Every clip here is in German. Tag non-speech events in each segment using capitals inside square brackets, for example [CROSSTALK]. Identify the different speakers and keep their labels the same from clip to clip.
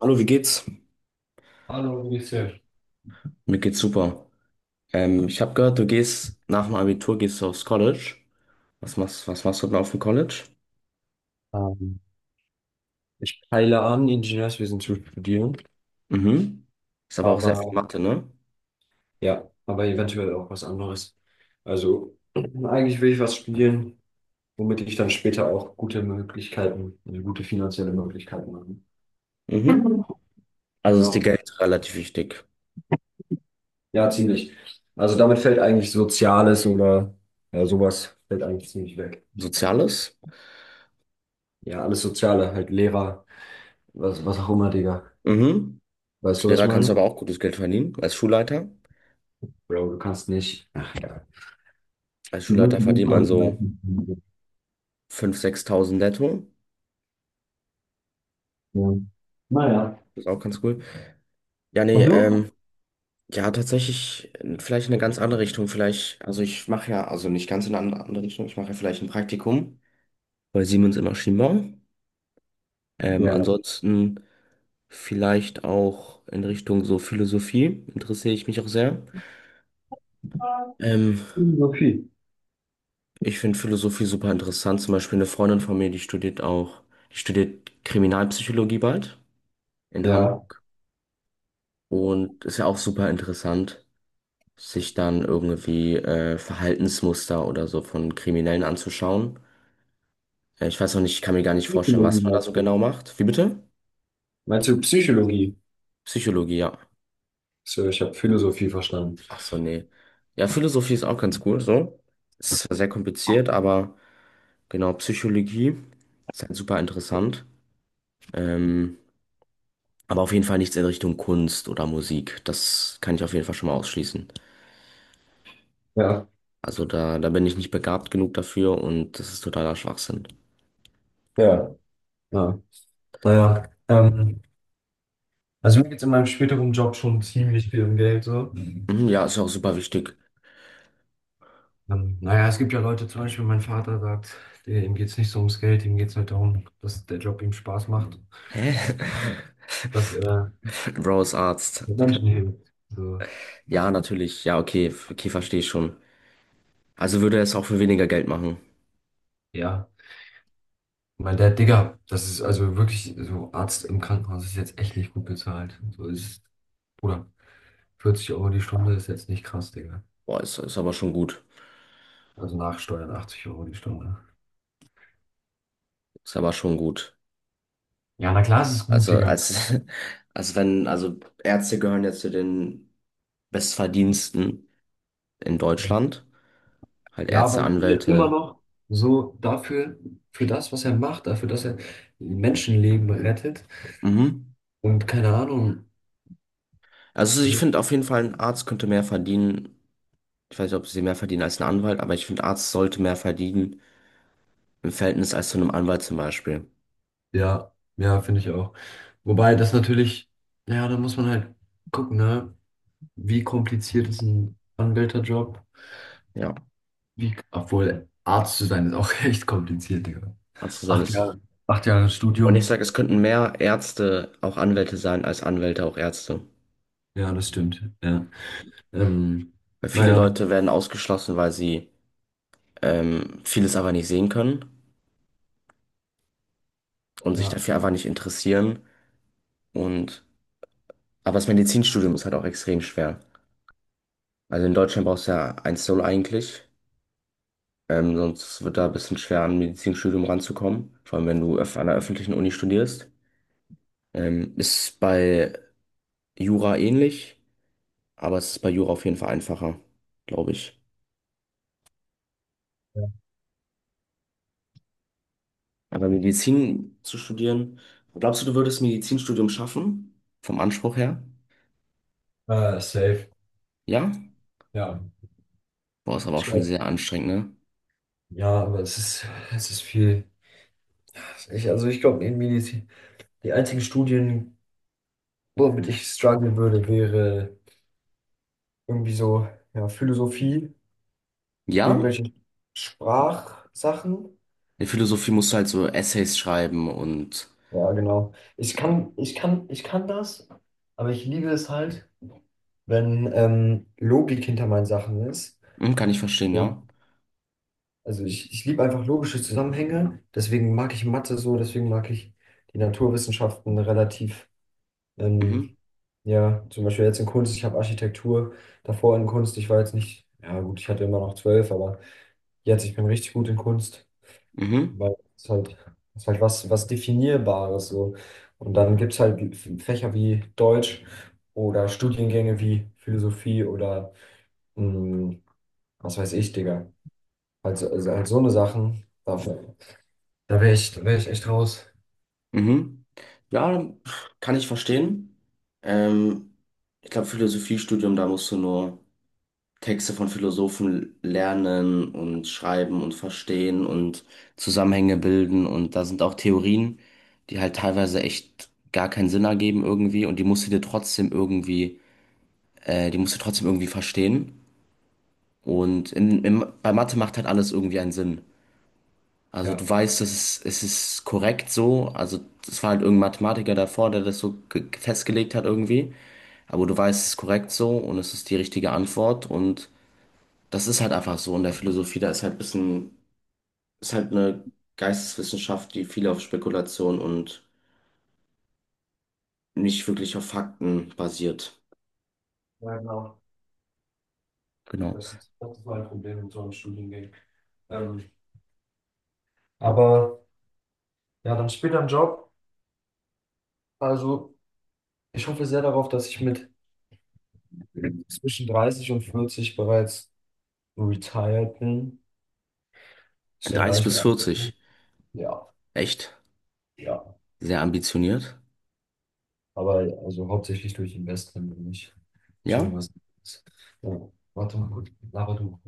Speaker 1: Hallo, wie geht's?
Speaker 2: Hallo, wie geht's dir?
Speaker 1: Mir geht's super. Ich habe gehört, du gehst nach dem Abitur gehst du aufs College. Was machst du denn auf dem College?
Speaker 2: Ähm, Ich peile an, Ingenieurswesen zu studieren,
Speaker 1: Mhm. Ist aber auch sehr viel
Speaker 2: aber
Speaker 1: Mathe, ne?
Speaker 2: ja, aber eventuell auch was anderes. Also [CLEARS THROAT] eigentlich will ich was studieren, womit ich dann später auch gute Möglichkeiten, also gute finanzielle Möglichkeiten habe.
Speaker 1: Mhm. Also ist dir
Speaker 2: Ja,
Speaker 1: Geld relativ wichtig.
Speaker 2: ja, ziemlich. Also damit fällt eigentlich Soziales oder ja, sowas fällt eigentlich ziemlich weg.
Speaker 1: Soziales?
Speaker 2: Ja, alles Soziale, halt Lehrer, was auch immer, Digga.
Speaker 1: Mhm.
Speaker 2: Weißt
Speaker 1: Als
Speaker 2: du, was ich
Speaker 1: Lehrer kannst du
Speaker 2: meine?
Speaker 1: aber auch gutes Geld verdienen. Als Schulleiter?
Speaker 2: Bro, du kannst nicht. Ach ja.
Speaker 1: Als
Speaker 2: Du wirst
Speaker 1: Schulleiter
Speaker 2: nicht
Speaker 1: verdient man
Speaker 2: mal-
Speaker 1: so 5.000, 6.000 netto.
Speaker 2: Ja. Naja,
Speaker 1: Das ist auch ganz cool. Ja, nee,
Speaker 2: und du?
Speaker 1: ja, tatsächlich, vielleicht in eine ganz andere Richtung. Vielleicht, also ich mache ja, also nicht ganz in eine andere Richtung, ich mache ja vielleicht ein Praktikum bei Siemens in Maschinenbau. Mhm.
Speaker 2: Ja.
Speaker 1: Ansonsten vielleicht auch in Richtung so Philosophie interessiere ich mich auch sehr. Ähm,
Speaker 2: Philosophie.
Speaker 1: Ich finde Philosophie super interessant. Zum Beispiel eine Freundin von mir, die studiert auch, die studiert Kriminalpsychologie bald in
Speaker 2: Ja,
Speaker 1: Hamburg und ist ja auch super interessant, sich dann irgendwie Verhaltensmuster oder so von Kriminellen anzuschauen. Ich weiß noch nicht, ich kann mir gar nicht vorstellen,
Speaker 2: Psychologie
Speaker 1: was man da
Speaker 2: meinst
Speaker 1: so
Speaker 2: du?
Speaker 1: genau macht. Wie bitte?
Speaker 2: Meinst du Psychologie?
Speaker 1: Psychologie, ja.
Speaker 2: So, ich habe Philosophie verstanden.
Speaker 1: Ach so, nee. Ja, Philosophie ist auch ganz cool, so. Ist zwar sehr kompliziert, aber genau, Psychologie ist halt super interessant. Ähm, aber auf jeden Fall nichts in Richtung Kunst oder Musik. Das kann ich auf jeden Fall schon mal ausschließen.
Speaker 2: Ja,
Speaker 1: Also da bin ich nicht begabt genug dafür und das ist totaler Schwachsinn.
Speaker 2: ja, ja. Naja, also mir geht es in meinem späteren Job schon ziemlich viel um Geld so. Mhm.
Speaker 1: Mhm, ja, ist ja auch super wichtig.
Speaker 2: Naja, es gibt ja Leute, zum Beispiel mein Vater sagt, der, ihm geht es nicht so ums Geld, ihm geht es halt darum, dass der Job ihm Spaß macht,
Speaker 1: Hä?
Speaker 2: dass er
Speaker 1: [LAUGHS] Bro ist Arzt.
Speaker 2: Menschen hilft. So,
Speaker 1: Ja, natürlich. Ja, okay, okay, verstehe ich schon. Also würde er es auch für weniger Geld machen.
Speaker 2: ja, mein Dad, Digga, das ist also wirklich so. Arzt im Krankenhaus ist jetzt echt nicht gut bezahlt. So ist, Bruder, 40 € die Stunde ist jetzt nicht krass, Digga.
Speaker 1: Boah, ist aber schon gut.
Speaker 2: Also nach Steuern 80 € die Stunde.
Speaker 1: Ist aber schon gut.
Speaker 2: Ja, na klar, es ist gut,
Speaker 1: Also
Speaker 2: Digga.
Speaker 1: als, [LAUGHS] als wenn, also Ärzte gehören ja zu den Bestverdiensten in Deutschland. Halt
Speaker 2: Ja, aber
Speaker 1: Ärzte,
Speaker 2: ich finde immer
Speaker 1: Anwälte.
Speaker 2: noch so dafür, für das, was er macht, dafür, dass er Menschenleben rettet
Speaker 1: Mhm.
Speaker 2: und keine Ahnung.
Speaker 1: Also ich finde
Speaker 2: So.
Speaker 1: auf jeden Fall, ein Arzt könnte mehr verdienen. Ich weiß nicht, ob sie mehr verdienen als ein Anwalt, aber ich finde, Arzt sollte mehr verdienen im Verhältnis als zu einem Anwalt zum Beispiel.
Speaker 2: Ja, ja, finde ich auch. Wobei das natürlich, ja, da muss man halt gucken, ne? Wie kompliziert ist ein Anwälterjob?
Speaker 1: Ja,
Speaker 2: Wie, obwohl Arzt zu sein ist auch [LAUGHS] echt kompliziert, Digga.
Speaker 1: Arzt zu sein
Speaker 2: Acht
Speaker 1: ist.
Speaker 2: Jahre, acht Jahre
Speaker 1: Und ich
Speaker 2: Studium.
Speaker 1: sage, es könnten mehr Ärzte auch Anwälte sein, als Anwälte auch Ärzte.
Speaker 2: Ja, das stimmt. Ja. Ähm,
Speaker 1: Weil viele
Speaker 2: naja.
Speaker 1: Leute werden ausgeschlossen, weil sie vieles aber nicht sehen können und sich
Speaker 2: Ja,
Speaker 1: dafür einfach nicht interessieren. Und, aber das Medizinstudium ist halt auch extrem schwer. Also in Deutschland brauchst du ja 1,0 eigentlich. Sonst wird da ein bisschen schwer, an ein Medizinstudium ranzukommen. Vor allem, wenn du an einer öffentlichen Uni studierst. Ist bei Jura ähnlich, aber es ist bei Jura auf jeden Fall einfacher, glaube ich.
Speaker 2: ja.
Speaker 1: Aber Medizin zu studieren, glaubst du, du würdest Medizinstudium schaffen? Vom Anspruch her?
Speaker 2: Safe.
Speaker 1: Ja?
Speaker 2: Ja.
Speaker 1: Boah, ist aber auch
Speaker 2: Ich
Speaker 1: schon
Speaker 2: glaube,
Speaker 1: sehr anstrengend, ne?
Speaker 2: ja, aber es ist viel. Also ich glaube, in Medizin, die einzigen Studien, womit ich strugglen würde, wäre irgendwie so, ja, Philosophie,
Speaker 1: Ja?
Speaker 2: irgendwelche Sprachsachen.
Speaker 1: In Philosophie musst du halt so Essays schreiben und.
Speaker 2: Ja, genau. Ich kann das, aber ich liebe es halt, wenn Logik hinter meinen Sachen ist.
Speaker 1: Mhm, kann ich verstehen,
Speaker 2: So.
Speaker 1: ja.
Speaker 2: Ich liebe einfach logische Zusammenhänge, deswegen mag ich Mathe so, deswegen mag ich die Naturwissenschaften relativ,
Speaker 1: Mhm,
Speaker 2: ähm, ja, zum Beispiel jetzt in Kunst, ich habe Architektur davor in Kunst, ich war jetzt nicht, ja gut, ich hatte immer noch zwölf, aber jetzt, ich bin richtig gut in Kunst,
Speaker 1: mhm,
Speaker 2: weil es halt, es ist halt was, was Definierbares so. Und dann gibt es halt Fächer wie Deutsch oder Studiengänge wie Philosophie oder mh, was weiß ich, Digga. Also halt so eine Sachen, da wär ich echt raus.
Speaker 1: mhm. Ja, kann ich verstehen. Ähm, Ich glaube, Philosophiestudium, da musst du nur Texte von Philosophen lernen und schreiben und verstehen und Zusammenhänge bilden. Und da sind auch Theorien, die halt teilweise echt gar keinen Sinn ergeben irgendwie. Und die musst du dir trotzdem irgendwie, die musst du trotzdem irgendwie verstehen. Und bei Mathe macht halt alles irgendwie einen Sinn. Also
Speaker 2: Ja.
Speaker 1: du weißt, es ist korrekt so. Also es war halt irgendein Mathematiker davor, der das so festgelegt hat irgendwie. Aber du weißt, es ist korrekt so und es ist die richtige Antwort. Und das ist halt einfach so. In der Philosophie, da ist halt ist halt eine Geisteswissenschaft, die viel auf Spekulation und nicht wirklich auf Fakten basiert.
Speaker 2: Ja, genau.
Speaker 1: Genau.
Speaker 2: Das ist mein Problem mit so einem Studiengang. Ähm, aber ja, dann später ein Job. Also, ich hoffe sehr darauf, dass ich mit zwischen 30 und 40 bereits retired bin. Ich denke gar
Speaker 1: 30
Speaker 2: nicht
Speaker 1: bis
Speaker 2: mehr an.
Speaker 1: 40.
Speaker 2: Ja,
Speaker 1: Echt
Speaker 2: ja.
Speaker 1: sehr ambitioniert.
Speaker 2: Aber also hauptsächlich durch Investment und nicht durch
Speaker 1: Ja?
Speaker 2: irgendwas anderes. Ja. Warte mal, gut. Laber du.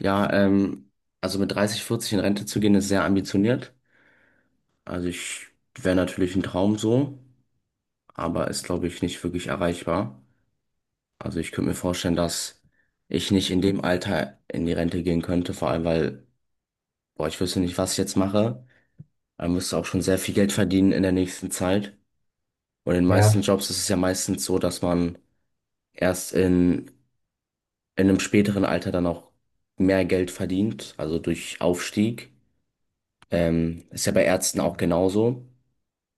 Speaker 1: Ja, also mit 30, 40 in Rente zu gehen, ist sehr ambitioniert. Also ich wäre natürlich ein Traum so, aber ist, glaube ich, nicht wirklich erreichbar. Also ich könnte mir vorstellen, dass ich nicht in dem Alter in die Rente gehen könnte, vor allem weil, boah, ich wüsste nicht, was ich jetzt mache. Man müsste auch schon sehr viel Geld verdienen in der nächsten Zeit. Und in den meisten
Speaker 2: Ja,
Speaker 1: Jobs ist es ja meistens so, dass man erst in einem späteren Alter dann auch mehr Geld verdient, also durch Aufstieg. Ist ja bei Ärzten auch genauso.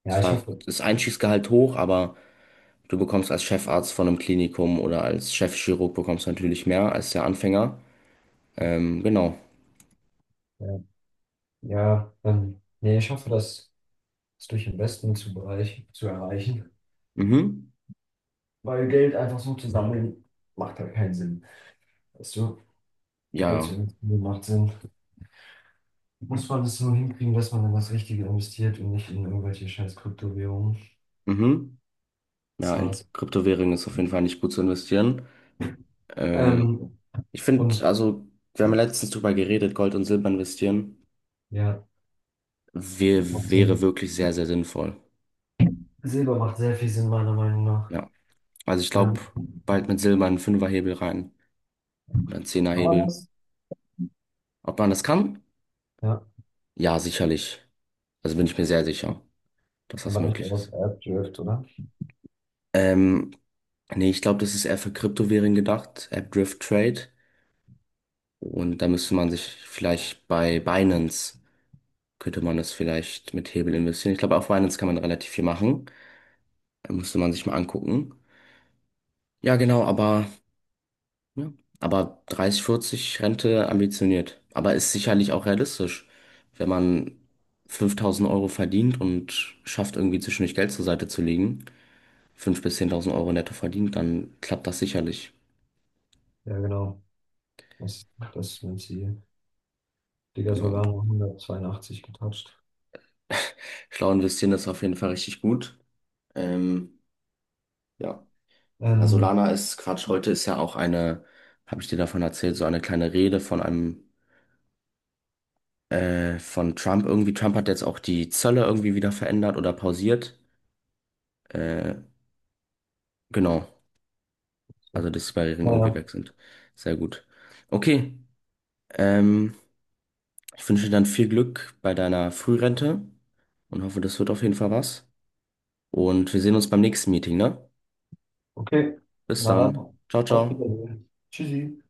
Speaker 2: ja, ich
Speaker 1: Zwar
Speaker 2: hoffe.
Speaker 1: ist Einstiegsgehalt hoch, aber du bekommst als Chefarzt von einem Klinikum oder als Chefchirurg bekommst du natürlich mehr als der Anfänger. Genau.
Speaker 2: Ja. Ja, nee, ich hoffe, das ist durch Investment zu, bereich, zu erreichen.
Speaker 1: Mhm.
Speaker 2: Weil Geld einfach so zu sammeln, macht halt keinen Sinn. Weißt du, Geld zu
Speaker 1: Ja.
Speaker 2: investieren macht Sinn. Muss man es nur hinkriegen, dass man in das Richtige investiert und nicht in irgendwelche scheiß Kryptowährungen.
Speaker 1: Ja. Mhm. Ja, in
Speaker 2: SaaS.
Speaker 1: Kryptowährungen ist auf jeden Fall nicht gut zu investieren. Ähm,
Speaker 2: Ähm,
Speaker 1: Ich finde,
Speaker 2: und
Speaker 1: also, wir haben ja letztens drüber geredet, Gold und Silber investieren
Speaker 2: ja,
Speaker 1: wär,
Speaker 2: macht
Speaker 1: wäre
Speaker 2: Sinn.
Speaker 1: wirklich sehr, sehr sinnvoll.
Speaker 2: Silber macht sehr viel Sinn, meiner Meinung nach.
Speaker 1: Ja. Also ich glaube,
Speaker 2: Ähm,
Speaker 1: bald mit Silber einen Fünferhebel rein oder einen
Speaker 2: kann man
Speaker 1: Zehnerhebel.
Speaker 2: das?
Speaker 1: Ob man das kann?
Speaker 2: Ja,
Speaker 1: Ja, sicherlich. Also bin ich mir sehr sicher, dass das
Speaker 2: aber nicht
Speaker 1: möglich
Speaker 2: auf
Speaker 1: ist.
Speaker 2: AppDrift, oder?
Speaker 1: Ähm, Nee, ich glaube, das ist eher für Kryptowährungen gedacht, App Drift Trade. Und da müsste man sich vielleicht bei Binance, könnte man das vielleicht mit Hebel investieren. Ich glaube, auf Binance kann man relativ viel machen. Da müsste man sich mal angucken. Ja, genau, aber, ja, aber 30, 40 Rente ambitioniert. Aber ist sicherlich auch realistisch, wenn man 5000 Euro verdient und schafft, irgendwie zwischendurch Geld zur Seite zu legen, 5.000 bis 10.000 Euro netto verdient, dann klappt das sicherlich.
Speaker 2: Ja, genau. Das, das ist mein Ziel. Digga,
Speaker 1: Genau.
Speaker 2: Solano 182 getatscht.
Speaker 1: Schlau investieren ist auf jeden Fall richtig gut. Ähm, ja. Ja,
Speaker 2: Ähm,
Speaker 1: Solana ist Quatsch. Heute ist ja auch eine, habe ich dir davon erzählt, so eine kleine Rede von einem, von Trump irgendwie. Trump hat jetzt auch die Zölle irgendwie wieder verändert oder pausiert. Äh, genau.
Speaker 2: so,
Speaker 1: Also, dass die Barrieren irgendwie
Speaker 2: naja,
Speaker 1: weg sind. Sehr gut. Okay. Ähm, Ich wünsche dir dann viel Glück bei deiner Frührente und hoffe, das wird auf jeden Fall was. Und wir sehen uns beim nächsten Meeting, ne?
Speaker 2: okay.
Speaker 1: Bis
Speaker 2: Na
Speaker 1: dann.
Speaker 2: dann,
Speaker 1: Ciao,
Speaker 2: auf
Speaker 1: ciao.
Speaker 2: Wiedersehen. Tschüssi.